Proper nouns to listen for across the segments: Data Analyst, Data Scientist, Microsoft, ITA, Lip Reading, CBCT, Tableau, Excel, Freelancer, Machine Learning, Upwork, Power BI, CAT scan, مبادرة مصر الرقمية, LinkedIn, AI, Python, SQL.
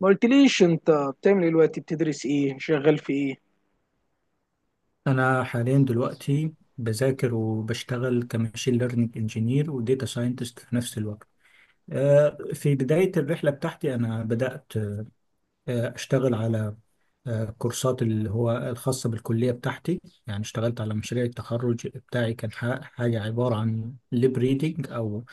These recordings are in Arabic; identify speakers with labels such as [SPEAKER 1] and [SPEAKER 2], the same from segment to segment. [SPEAKER 1] ما قلتليش انت بتعمل ايه دلوقتي؟ بتدرس ايه؟ شغال في ايه؟
[SPEAKER 2] أنا حاليا دلوقتي بذاكر وبشتغل كماشين ليرنينج انجينير وديتا ساينتست في نفس الوقت. في بداية الرحلة بتاعتي أنا بدأت أشتغل على كورسات اللي هو الخاصة بالكلية بتاعتي. يعني اشتغلت على مشاريع التخرج بتاعي، كان حاجة عبارة عن ليب ريدنج أو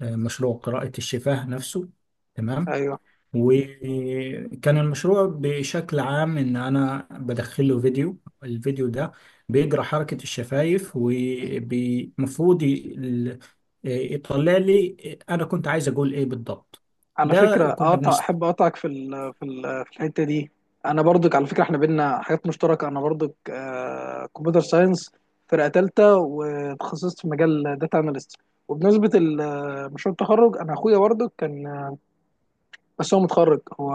[SPEAKER 2] مشروع قراءة الشفاه نفسه. تمام.
[SPEAKER 1] ايوه.
[SPEAKER 2] وكان المشروع بشكل عام ان انا بدخله فيديو، الفيديو ده بيجرى حركة الشفايف ومفروض يطلع لي انا كنت عايز اقول ايه بالضبط.
[SPEAKER 1] على
[SPEAKER 2] ده
[SPEAKER 1] فكره
[SPEAKER 2] كنا
[SPEAKER 1] اقطع،
[SPEAKER 2] بنست.
[SPEAKER 1] احب اقطعك في ال في ال في الحته دي. انا برضك على فكره احنا بينا حاجات مشتركه، انا برضك كمبيوتر ساينس، فرقه ثالثه وتخصصت في مجال داتا اناليست. وبنسبه مشروع التخرج انا اخويا برضك كان، بس هو متخرج، هو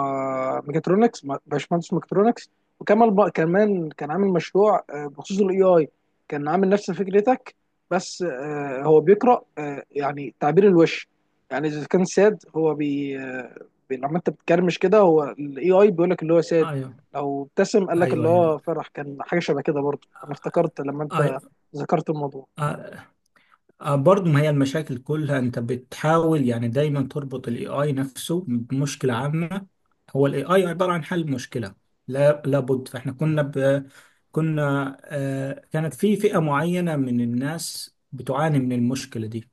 [SPEAKER 1] ميكاترونكس، باشمهندس ميكاترونكس. وكمل بقى كمان، كان عامل مشروع بخصوص الاي اي. كان عامل نفس فكرتك، بس هو بيقرا يعني تعبير الوش. يعني اذا كان ساد هو لما انت بتكرمش كده هو الاي اي بيقول لك اللي هو ساد.
[SPEAKER 2] ايوه
[SPEAKER 1] لو ابتسم قال لك اللي
[SPEAKER 2] ايوه
[SPEAKER 1] هو
[SPEAKER 2] ايوه.
[SPEAKER 1] فرح. كان حاجه شبه كده برضه، انا افتكرت لما انت
[SPEAKER 2] أي-
[SPEAKER 1] ذكرت الموضوع.
[SPEAKER 2] آه، برضو ما هي المشاكل كلها، انت بتحاول يعني دايما تربط الاي اي نفسه بمشكله عامه. هو الاي اي عباره عن حل مشكله. لا لابد، فاحنا كنا ب... كنا آه كانت في فئه معينه من الناس بتعاني من المشكله دي،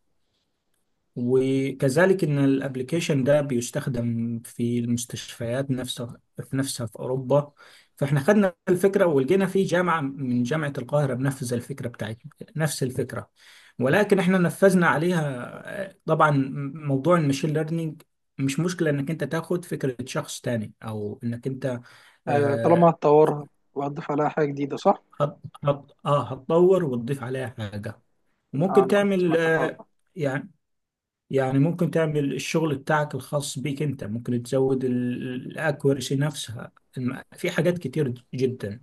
[SPEAKER 2] وكذلك ان الابليكيشن ده بيستخدم في المستشفيات نفسها في نفسها في اوروبا. فاحنا خدنا الفكره ولقينا في جامعه من جامعه القاهره بنفذ الفكره بتاعتنا نفس الفكره، ولكن احنا نفذنا عليها طبعا موضوع المشين ليرنينج. مش مشكله انك انت تاخد فكره شخص تاني او انك انت
[SPEAKER 1] طالما
[SPEAKER 2] آه
[SPEAKER 1] هتطورها وهتضيف عليها حاجه جديده، صح؟
[SPEAKER 2] هتطور وتضيف عليها حاجه. وممكن
[SPEAKER 1] انا كنت
[SPEAKER 2] تعمل
[SPEAKER 1] سمعت الحوار ده.
[SPEAKER 2] يعني يعني ممكن تعمل الشغل بتاعك الخاص بيك، انت ممكن تزود الاكوريسي نفسها. في حاجات كتير جدا.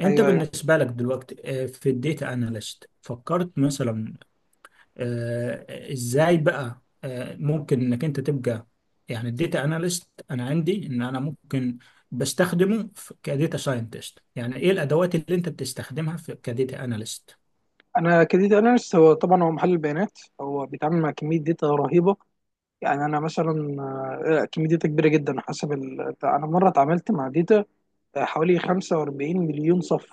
[SPEAKER 2] انت
[SPEAKER 1] ايوه، أيوه.
[SPEAKER 2] بالنسبة لك دلوقتي في الديتا اناليست، فكرت مثلا ازاي بقى ممكن انك انت تبقى، يعني الديتا اناليست، انا عندي ان انا ممكن بستخدمه كديتا ساينتست. يعني ايه الادوات اللي انت بتستخدمها في كديتا اناليست؟
[SPEAKER 1] انا كديتا اناليست، هو طبعا هو محلل بيانات، هو بيتعامل مع كميه داتا رهيبه. يعني انا مثلا كميه داتا كبيره جدا انا مره اتعاملت مع داتا حوالي 45 مليون صف.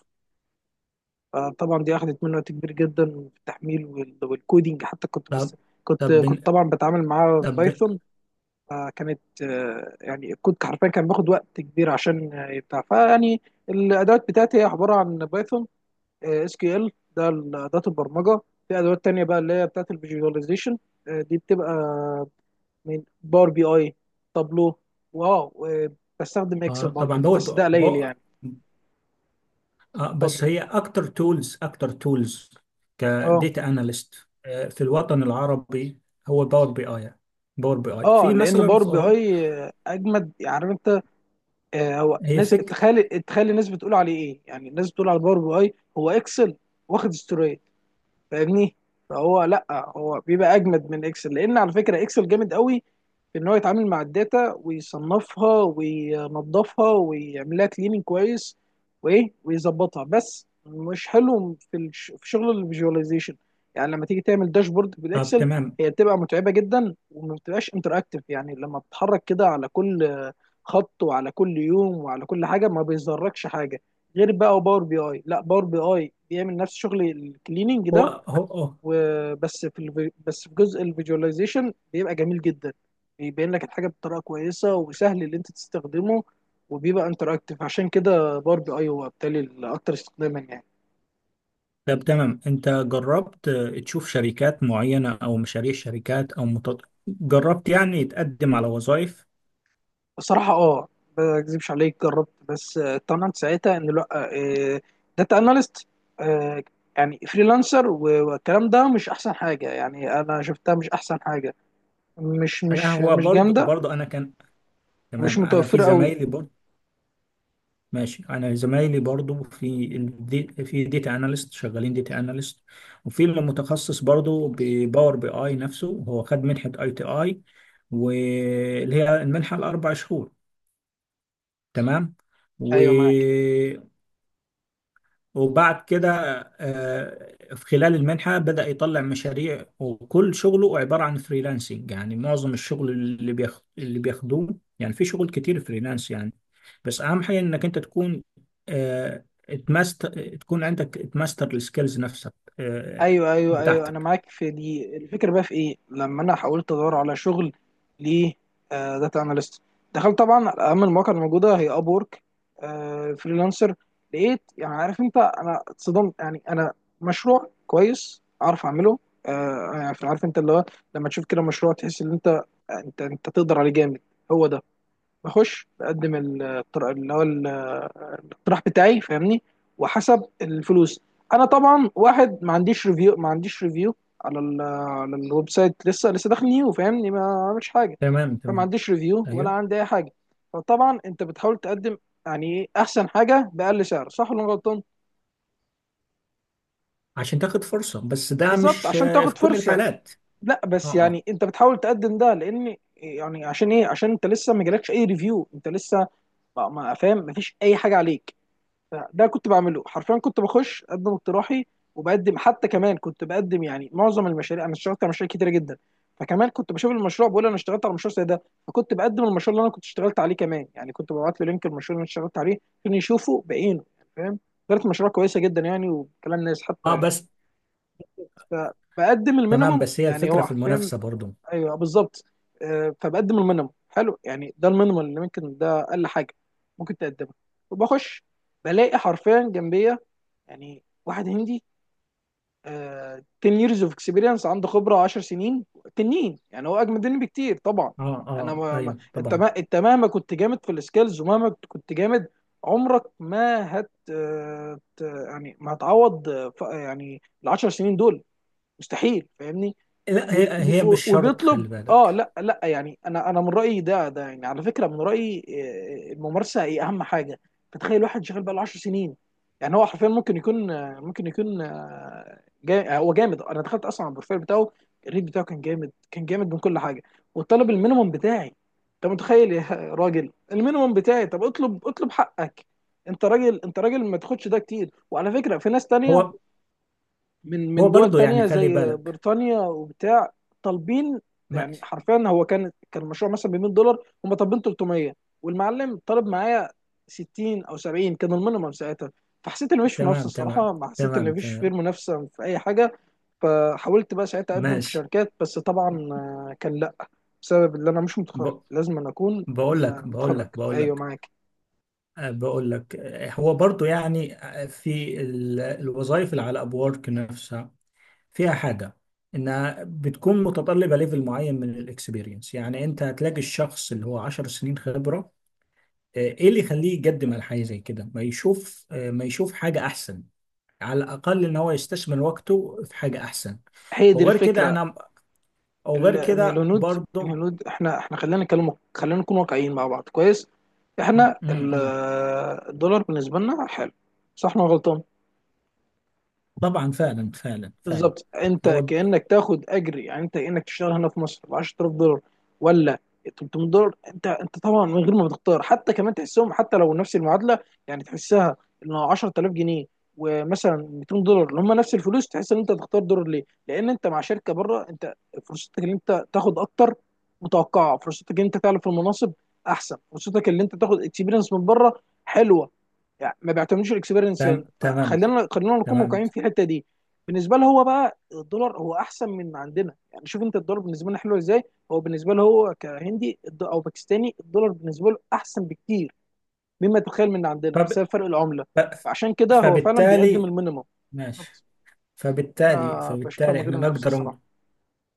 [SPEAKER 1] طبعا دي اخذت مني وقت كبير جدا في التحميل والكودينج، حتى كنت
[SPEAKER 2] طب
[SPEAKER 1] بس كنت
[SPEAKER 2] طب
[SPEAKER 1] كنت
[SPEAKER 2] بن-
[SPEAKER 1] طبعا بتعامل معاه
[SPEAKER 2] طب
[SPEAKER 1] بايثون. فكانت يعني الكود حرفيا كان بياخد وقت كبير عشان يبتاع، فيعني الادوات بتاعتي هي عباره عن بايثون، اس كيو ال، ده اداه البرمجه. في ادوات تانية بقى اللي هي بتاعت الفيجواليزيشن، دي بتبقى من باور بي اي، تابلو، واو، بستخدم اكسل
[SPEAKER 2] طبعا
[SPEAKER 1] برضو
[SPEAKER 2] دول.
[SPEAKER 1] بس ده قليل يعني.
[SPEAKER 2] اه،
[SPEAKER 1] اتفضل.
[SPEAKER 2] بس هي اكتر تولز
[SPEAKER 1] اه
[SPEAKER 2] كديتا اناليست في الوطن العربي هو باور بي اي. باور بي اي،
[SPEAKER 1] اه،
[SPEAKER 2] في
[SPEAKER 1] لان
[SPEAKER 2] مثلا،
[SPEAKER 1] باور
[SPEAKER 2] في
[SPEAKER 1] بي
[SPEAKER 2] اوروبا.
[SPEAKER 1] اي اجمد، عارف انت. هو
[SPEAKER 2] هي
[SPEAKER 1] ناس،
[SPEAKER 2] فك
[SPEAKER 1] تخيل الناس بتقول عليه ايه، يعني الناس بتقول على باور بي اي هو اكسل واخد استوري، فاهمني؟ فهو لا، هو بيبقى اجمد من اكسل، لان على فكره اكسل جامد قوي في ان هو يتعامل مع الداتا ويصنفها وينظفها ويعمل لها كليننج كويس وايه ويظبطها، بس مش حلو في في شغل الفيجواليزيشن. يعني لما تيجي تعمل داشبورد
[SPEAKER 2] طب
[SPEAKER 1] بالاكسل
[SPEAKER 2] تمام.
[SPEAKER 1] هي بتبقى متعبه جدا وما بتبقاش انتراكتيف، يعني لما بتتحرك كده على كل خط وعلى كل يوم وعلى كل حاجه ما بيظهركش حاجه. غير بقى باور بي اي، لا باور بي اي بيعمل نفس شغل الكليننج
[SPEAKER 2] هو
[SPEAKER 1] ده
[SPEAKER 2] هو هو
[SPEAKER 1] بس في جزء الفيجواليزيشن بيبقى جميل جدا، بيبين لك الحاجه بطريقه كويسه وسهل اللي انت تستخدمه، وبيبقى انتراكتيف، عشان كده باربي اي هو بالتالي الاكتر استخداما يعني.
[SPEAKER 2] طب تمام، انت جربت تشوف شركات معينة او مشاريع شركات جربت يعني تقدم على وظائف؟
[SPEAKER 1] بصراحه اه، ما اكذبش عليك جربت، بس طمنت ساعتها ان لا، داتا اناليست يعني فريلانسر والكلام ده مش احسن حاجه، يعني انا شفتها مش احسن حاجه، مش
[SPEAKER 2] لا،
[SPEAKER 1] مش
[SPEAKER 2] هو
[SPEAKER 1] مش
[SPEAKER 2] برضه
[SPEAKER 1] جامده،
[SPEAKER 2] برضه انا كان،
[SPEAKER 1] مش
[SPEAKER 2] تمام، انا في
[SPEAKER 1] متوفره قوي.
[SPEAKER 2] زمايلي. ماشي، انا زمايلي برضو في ديتا اناليست شغالين ديتا اناليست، وفي اللي متخصص برضو بباور بي اي نفسه، هو خد منحة اي تي اي، واللي هي المنحة الاربع شهور. تمام. و...
[SPEAKER 1] ايوه معاك.
[SPEAKER 2] وبعد كده في خلال المنحة بدأ يطلع مشاريع، وكل شغله عبارة عن فريلانسنج، يعني معظم الشغل اللي بياخد اللي بياخدوه، يعني في شغل كتير فريلانس يعني. بس أهم حاجة إنك أنت تكون آه، اتمست تكون عندك اتماستر السكيلز نفسك آه،
[SPEAKER 1] ايوه، ايوه، ايوه، انا
[SPEAKER 2] بتاعتك.
[SPEAKER 1] معاك في دي الفكره. بقى في ايه لما انا حاولت ادور على شغل ل داتا اناليست، دخلت طبعا على اهم المواقع الموجوده، هي اب وورك، فريلانسر. لقيت، يعني عارف انت انا اتصدمت، يعني انا مشروع كويس اعرف اعمله، يعني عارف انت اللي هو لما تشوف كده مشروع تحس ان انت تقدر عليه جامد. هو ده، بخش بقدم الطر- اللي هو ال- الاقتراح بتاعي، فاهمني؟ وحسب الفلوس. انا طبعا واحد ما عنديش ريفيو، ما عنديش ريفيو على ال على الويب سايت، لسه داخل نيو، فاهمني؟ ما عملش حاجه،
[SPEAKER 2] تمام،
[SPEAKER 1] فما
[SPEAKER 2] تمام،
[SPEAKER 1] عنديش ريفيو ولا
[SPEAKER 2] أيوه.
[SPEAKER 1] عندي اي حاجه. فطبعا انت بتحاول تقدم، يعني ايه احسن حاجه؟ باقل سعر، صح ولا أنا غلطان؟
[SPEAKER 2] عشان تاخد فرصة، بس ده
[SPEAKER 1] بالظبط،
[SPEAKER 2] مش
[SPEAKER 1] عشان
[SPEAKER 2] في
[SPEAKER 1] تاخد
[SPEAKER 2] كل
[SPEAKER 1] فرصه.
[SPEAKER 2] الحالات.
[SPEAKER 1] لا
[SPEAKER 2] اه،
[SPEAKER 1] بس
[SPEAKER 2] اه،
[SPEAKER 1] يعني انت بتحاول تقدم ده، لان يعني عشان ايه؟ عشان انت لسه ما جالكش اي ريفيو، انت لسه فاهم، ما فيش اي حاجه عليك. فده كنت بعمله، حرفيا كنت بخش اقدم اقتراحي وبقدم، حتى كمان كنت بقدم يعني معظم المشاريع، انا اشتغلت على مشاريع كتيره جدا فكمان كنت بشوف المشروع بقول انا اشتغلت على مشروع زي ده، فكنت بقدم المشروع اللي انا كنت اشتغلت عليه كمان، يعني كنت ببعت له لينك المشروع اللي انا اشتغلت عليه عشان يشوفه بعينه، يعني فاهم. كانت مشروع كويسه جدا يعني، وكلام ناس حتى
[SPEAKER 2] اه،
[SPEAKER 1] يعني.
[SPEAKER 2] بس
[SPEAKER 1] فبقدم
[SPEAKER 2] تمام،
[SPEAKER 1] المينيمم
[SPEAKER 2] بس هي
[SPEAKER 1] يعني،
[SPEAKER 2] الفكرة
[SPEAKER 1] هو
[SPEAKER 2] في
[SPEAKER 1] حرفيا.
[SPEAKER 2] المنافسة برضو.
[SPEAKER 1] ايوه بالظبط. فبقدم المينيمم، حلو يعني ده المينيمم اللي ممكن، ده اقل حاجه ممكن تقدمها. وبخش بلاقي حرفيا جنبي يعني واحد هندي، 10 years of experience، عنده خبره 10 سنين، تنين يعني هو اجمد مني بكتير طبعا.
[SPEAKER 2] اه،
[SPEAKER 1] انا
[SPEAKER 2] اه،
[SPEAKER 1] ما ما
[SPEAKER 2] ايوه
[SPEAKER 1] انت،
[SPEAKER 2] طبعا.
[SPEAKER 1] ما انت مهما كنت جامد في السكيلز ومهما كنت جامد، عمرك ما هت آه، ت- يعني ما هتعوض يعني ال 10 سنين دول مستحيل، فاهمني.
[SPEAKER 2] لا،
[SPEAKER 1] وب-
[SPEAKER 2] هي هي مش شرط،
[SPEAKER 1] وبيطلب،
[SPEAKER 2] خلي
[SPEAKER 1] اه
[SPEAKER 2] بالك.
[SPEAKER 1] لا لا يعني انا من رايي، ده يعني على فكره من رايي، الممارسه هي اهم حاجه. فتخيل واحد شغال بقى له 10 سنين، يعني هو حرفيا ممكن يكون هو جامد، انا دخلت اصلا على البروفايل بتاعه، الريت بتاعه كان جامد، كان جامد من كل حاجه، وطلب المينيموم بتاعي. انت متخيل يا راجل المينيموم بتاعي؟ طب اطلب، اطلب حقك، انت راجل، انت راجل ما تاخدش ده كتير، وعلى فكره في ناس تانية
[SPEAKER 2] هو
[SPEAKER 1] من
[SPEAKER 2] هو
[SPEAKER 1] من دول
[SPEAKER 2] برضه يعني
[SPEAKER 1] تانية
[SPEAKER 2] خلي
[SPEAKER 1] زي
[SPEAKER 2] بالك،
[SPEAKER 1] بريطانيا وبتاع طالبين، يعني
[SPEAKER 2] ماشي.
[SPEAKER 1] حرفيا هو كان المشروع مثلا ب 100 دولار، هم طالبين 300، والمعلم طالب معايا 60 او 70 كان المينيمم ساعتها. فحسيت ان مفيش منافسه
[SPEAKER 2] تمام تمام
[SPEAKER 1] الصراحه، ما حسيت ان
[SPEAKER 2] تمام
[SPEAKER 1] مفيش فيه
[SPEAKER 2] تمام،
[SPEAKER 1] منافسه في اي حاجه. فحاولت بقى ساعتها اقدم في
[SPEAKER 2] ماشي.
[SPEAKER 1] شركات، بس طبعا كان لا، بسبب ان انا مش
[SPEAKER 2] ب...
[SPEAKER 1] متخرج لازم أن اكون
[SPEAKER 2] بقول لك بقول
[SPEAKER 1] متخرج.
[SPEAKER 2] لك بقول
[SPEAKER 1] ايوه
[SPEAKER 2] لك
[SPEAKER 1] معاك.
[SPEAKER 2] هو برضه يعني في الوظائف اللي على ابورك نفسها، فيها حاجة، انها بتكون متطلبة ليفل معين من الاكسبيرينس. يعني انت هتلاقي الشخص اللي هو 10 سنين خبرة، ايه اللي يخليه يقدم على حاجة زي كده؟ ما يشوف حاجة احسن، على الأقل إن هو يستثمر وقته في حاجة أحسن.
[SPEAKER 1] هي دي
[SPEAKER 2] وغير كده
[SPEAKER 1] الفكره،
[SPEAKER 2] أنا، وغير
[SPEAKER 1] ان
[SPEAKER 2] كده
[SPEAKER 1] الهنود،
[SPEAKER 2] برضه.
[SPEAKER 1] الهنود، احنا خلينا نتكلم، خلينا نكون واقعيين مع بعض كويس.
[SPEAKER 2] م-
[SPEAKER 1] احنا
[SPEAKER 2] م- م.
[SPEAKER 1] الدولار بالنسبه لنا حلو، صح ولا انا غلطان؟
[SPEAKER 2] طبعا فعلا فعلا فعلا.
[SPEAKER 1] بالظبط، انت
[SPEAKER 2] هو
[SPEAKER 1] كانك تاخد اجر، يعني انت كانك تشتغل هنا في مصر ب 10,000 دولار، ولا 300 دولار، انت طبعا من غير ما بتختار، حتى كمان تحسهم حتى لو نفس المعادله، يعني تحسها ان 10,000 جنيه ومثلا 200 دولار اللي هم نفس الفلوس، تحس ان انت تختار دولار ليه؟ لان انت مع شركه بره، انت فرصتك ان انت تاخد اكتر متوقعه، فرصتك ان انت تعلى في المناصب احسن، فرصتك ان انت تاخد اكسبيرينس من بره حلوه، يعني ما بيعتمدوش الاكسبيرينس هنا،
[SPEAKER 2] تمام
[SPEAKER 1] فخلينا نكون
[SPEAKER 2] تمام.
[SPEAKER 1] واقعيين في الحته دي. بالنسبه له هو بقى الدولار هو احسن من عندنا، يعني شوف انت الدولار بالنسبه لنا حلو ازاي. هو بالنسبه له، هو كهندي او باكستاني، الدولار بالنسبه له احسن بكتير مما تتخيل من عندنا،
[SPEAKER 2] فب...
[SPEAKER 1] بسبب فرق العمله.
[SPEAKER 2] ف...
[SPEAKER 1] فعشان كده هو فعلا بيقدم
[SPEAKER 2] فبالتالي
[SPEAKER 1] المينيمم.
[SPEAKER 2] ماشي،
[SPEAKER 1] بالظبط.
[SPEAKER 2] فبالتالي
[SPEAKER 1] بشوفها من
[SPEAKER 2] فبالتالي
[SPEAKER 1] غير
[SPEAKER 2] احنا
[SPEAKER 1] منافسه
[SPEAKER 2] نقدر
[SPEAKER 1] الصراحه.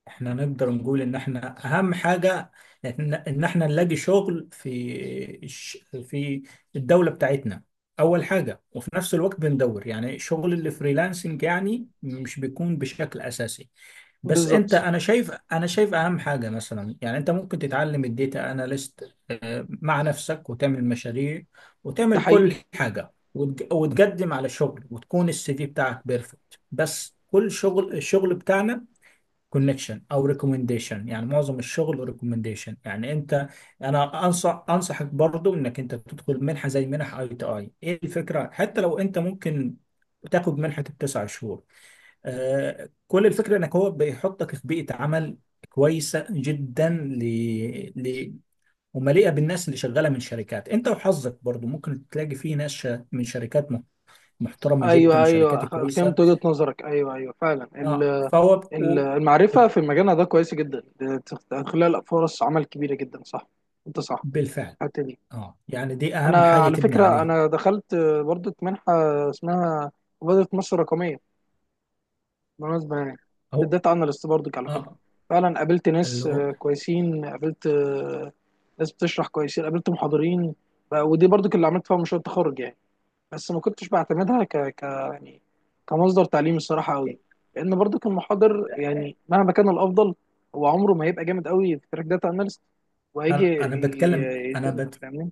[SPEAKER 2] احنا نقدر نقول ان احنا اهم حاجة إن احنا نلاقي شغل في الش- في الدولة بتاعتنا اول حاجة، وفي نفس الوقت بندور يعني شغل الفريلانسنج، يعني مش بيكون بشكل اساسي. بس انت،
[SPEAKER 1] بالظبط،
[SPEAKER 2] انا شايف اهم حاجة، مثلا، يعني انت ممكن تتعلم الديتا اناليست مع نفسك وتعمل مشاريع
[SPEAKER 1] ده
[SPEAKER 2] وتعمل كل
[SPEAKER 1] حقيقي.
[SPEAKER 2] حاجة، وتقدم على شغل وتكون السي في بتاعك بيرفكت. بس كل شغل، الشغل بتاعنا كونكشن او ريكومنديشن، يعني معظم الشغل ريكومنديشن. يعني انت، انا انصحك برضو انك انت تدخل منحه زي منح اي تي اي. ايه الفكره؟ حتى لو انت ممكن تاخد منحه التسع شهور. آه، كل الفكره انك هو بيحطك في بيئه عمل كويسه جدا ل... ومليئه بالناس اللي شغاله من شركات. انت وحظك برضو ممكن تلاقي فيه ناس من شركات محترمه جدا
[SPEAKER 1] ايوه،
[SPEAKER 2] وشركات
[SPEAKER 1] ايوه، فهمت
[SPEAKER 2] كويسه.
[SPEAKER 1] وجهه نظرك، ايوه، ايوه، فعلا
[SPEAKER 2] فهو و-
[SPEAKER 1] المعرفه في مجالنا ده كويسه جدا، بتخلق لك فرص عمل كبيره جدا، صح، انت صح.
[SPEAKER 2] بالفعل.
[SPEAKER 1] الحته دي
[SPEAKER 2] اه، يعني دي اهم
[SPEAKER 1] انا
[SPEAKER 2] حاجه
[SPEAKER 1] على
[SPEAKER 2] تبني
[SPEAKER 1] فكره
[SPEAKER 2] عليها.
[SPEAKER 1] انا دخلت برضه منحه، اسمها مبادره مصر الرقميه بالمناسبه يعني،
[SPEAKER 2] او،
[SPEAKER 1] الداتا اناليست برضه على فكره.
[SPEAKER 2] اه،
[SPEAKER 1] فعلا قابلت ناس
[SPEAKER 2] اللي هو،
[SPEAKER 1] كويسين، قابلت ناس بتشرح كويسين، قابلت محاضرين، ودي برضه اللي عملت فيها مشروع التخرج يعني. بس ما كنتش بعتمدها ك... ك يعني كمصدر تعليم الصراحه قوي، لان برضه المحاضر يعني مهما كان الافضل هو عمره ما هيبقى جامد قوي في تراك داتا اناليست، وهيجي
[SPEAKER 2] انا بتكلم، انا
[SPEAKER 1] يديرنا،
[SPEAKER 2] بت
[SPEAKER 1] فاهمني،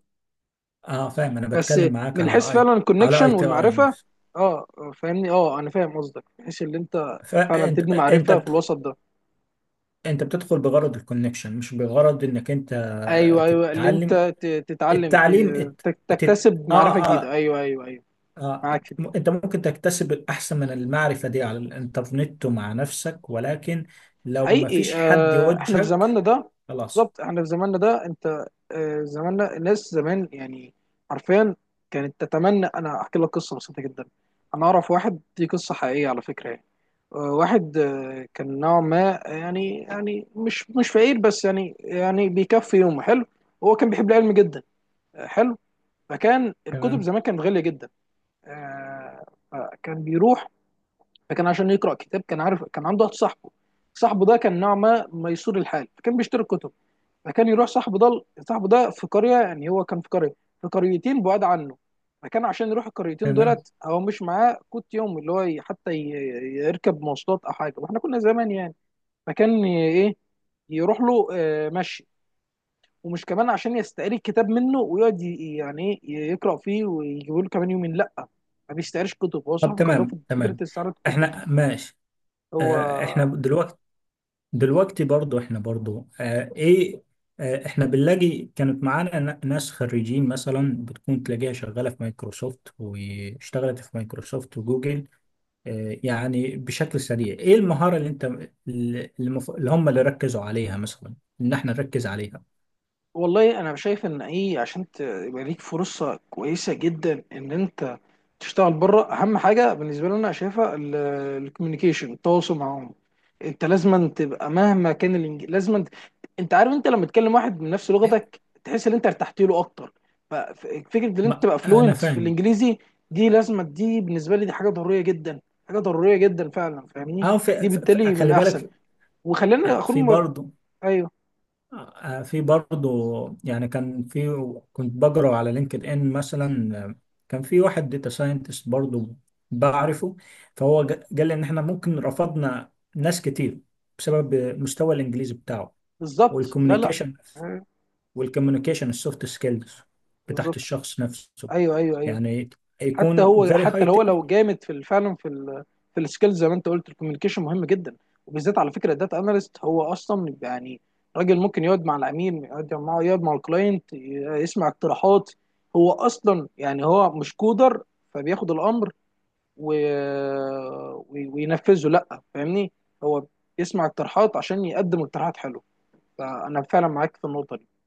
[SPEAKER 2] اه، فاهم، انا
[SPEAKER 1] بس
[SPEAKER 2] بتكلم معاك
[SPEAKER 1] من حيث
[SPEAKER 2] على اي،
[SPEAKER 1] فعلا
[SPEAKER 2] على اي
[SPEAKER 1] الكونكشن
[SPEAKER 2] تي اي
[SPEAKER 1] والمعرفه.
[SPEAKER 2] نفسه.
[SPEAKER 1] اه، فاهمني، اه انا فاهم قصدك من حيث اللي انت فعلا
[SPEAKER 2] فانت
[SPEAKER 1] تبني
[SPEAKER 2] انت
[SPEAKER 1] معرفه في
[SPEAKER 2] بت...
[SPEAKER 1] الوسط ده.
[SPEAKER 2] انت بتدخل بغرض الكونكشن، مش بغرض انك انت
[SPEAKER 1] ايوه، ايوه، اللي
[SPEAKER 2] تتعلم.
[SPEAKER 1] انت تتعلم
[SPEAKER 2] التعليم تت...
[SPEAKER 1] تكتسب معرفه
[SPEAKER 2] اه،
[SPEAKER 1] جديده.
[SPEAKER 2] اه،
[SPEAKER 1] ايوه، ايوه، ايوه،
[SPEAKER 2] اه،
[SPEAKER 1] معاك في دي.
[SPEAKER 2] انت ممكن تكتسب احسن من المعرفه دي على الانترنت ومع نفسك، ولكن لو ما
[SPEAKER 1] حقيقي.
[SPEAKER 2] فيش حد
[SPEAKER 1] احنا في
[SPEAKER 2] يوجهك
[SPEAKER 1] زماننا ده،
[SPEAKER 2] خلاص.
[SPEAKER 1] بالظبط احنا في زماننا ده انت زماننا، الناس زمان يعني حرفيا كانت تتمنى. انا احكي لك قصه بسيطه جدا، انا اعرف واحد، دي قصه حقيقيه على فكره يعني. واحد كان نوعا ما يعني، يعني مش مش فقير بس يعني، يعني بيكفي يومه حلو، هو كان بيحب العلم جدا. حلو. فكان الكتب
[SPEAKER 2] تمام
[SPEAKER 1] زمان كانت غاليه جدا، آه، فكان بيروح، فكان عشان يقرا كتاب كان عارف، كان عنده واحد صاحبه، صاحبه ده كان نوع ما ميسور الحال فكان بيشتري كتب. فكان يروح صاحبه ده، صاحبه ده في قريه، يعني هو كان في قريه، في قريتين بعاد عنه. فكان عشان يروح القريتين
[SPEAKER 2] تمام،
[SPEAKER 1] دولت هو مش معاه كوت يوم اللي هو يركب مواصلات او حاجه، واحنا كنا زمان يعني. فكان ي- ايه يروح له مشي، ومش كمان عشان يستقري الكتاب منه ويقعد يعني ايه يقرا فيه ويجيبه له كمان يومين، لا، ما بيستقريش كتب، هو
[SPEAKER 2] طب
[SPEAKER 1] صاحبه كان رافض
[SPEAKER 2] تمام
[SPEAKER 1] فكره
[SPEAKER 2] تمام.
[SPEAKER 1] استعاره الكتب.
[SPEAKER 2] احنا ماشي،
[SPEAKER 1] هو
[SPEAKER 2] اه احنا دلوقتي، دلوقتي برضو، احنا برضو اه ايه، اه احنا بنلاقي كانت معانا ناس خريجين مثلا بتكون تلاقيها شغالة في مايكروسوفت، واشتغلت في مايكروسوفت وجوجل. اه، يعني بشكل سريع، ايه المهارة اللي انت، اللي اللي هم اللي ركزوا عليها، مثلا، ان احنا نركز عليها؟
[SPEAKER 1] والله انا شايف ان ايه، عشان يبقى ليك فرصه كويسه جدا ان انت تشتغل بره اهم حاجه بالنسبه لي انا شايفها الكوميونيكيشن، التواصل معاهم. انت لازما تبقى مهما كان انت عارف، انت لما تكلم واحد من نفس لغتك تحس ان انت ارتحت له اكتر. ففكره ان انت
[SPEAKER 2] ما
[SPEAKER 1] تبقى
[SPEAKER 2] انا
[SPEAKER 1] فلوينت في
[SPEAKER 2] فاهم.
[SPEAKER 1] الانجليزي دي لازمه، دي بالنسبه لي دي حاجه ضروريه جدا، حاجه ضروريه جدا فعلا، فاهمني،
[SPEAKER 2] اه،
[SPEAKER 1] دي بالتالي من
[SPEAKER 2] خلي
[SPEAKER 1] احسن،
[SPEAKER 2] بالك،
[SPEAKER 1] وخلينا
[SPEAKER 2] آه،
[SPEAKER 1] اخد.
[SPEAKER 2] في برضه
[SPEAKER 1] ايوه،
[SPEAKER 2] في برضه، يعني كان في، كنت بقرا على لينكد ان مثلا كان في واحد داتا ساينتست برضه بعرفه. فهو قال لي ان احنا ممكن رفضنا ناس كتير بسبب مستوى الانجليزي بتاعه
[SPEAKER 1] بالظبط، لا لا،
[SPEAKER 2] والكوميونيكيشن
[SPEAKER 1] أيوة،
[SPEAKER 2] والكوميونيكيشن السوفت سكيلز بتاعت
[SPEAKER 1] بالظبط،
[SPEAKER 2] الشخص نفسه.
[SPEAKER 1] ايوه، ايوه، ايوه.
[SPEAKER 2] يعني
[SPEAKER 1] حتى
[SPEAKER 2] يكون
[SPEAKER 1] هو،
[SPEAKER 2] very
[SPEAKER 1] حتى لو
[SPEAKER 2] high
[SPEAKER 1] هو لو
[SPEAKER 2] technical
[SPEAKER 1] جامد في فعلا في في السكيلز زي ما انت قلت، الكوميونيكيشن مهم جدا، وبالذات على فكره الداتا اناليست هو اصلا يعني راجل ممكن يقعد مع العميل، يقعد معاه، يقعد مع الكلاينت يسمع اقتراحات، هو اصلا يعني هو مش كودر فبياخد الامر و... وينفذه، لا فاهمني، هو بيسمع اقتراحات عشان يقدم اقتراحات حلوه. فانا فعلا معاك في النقطه دي.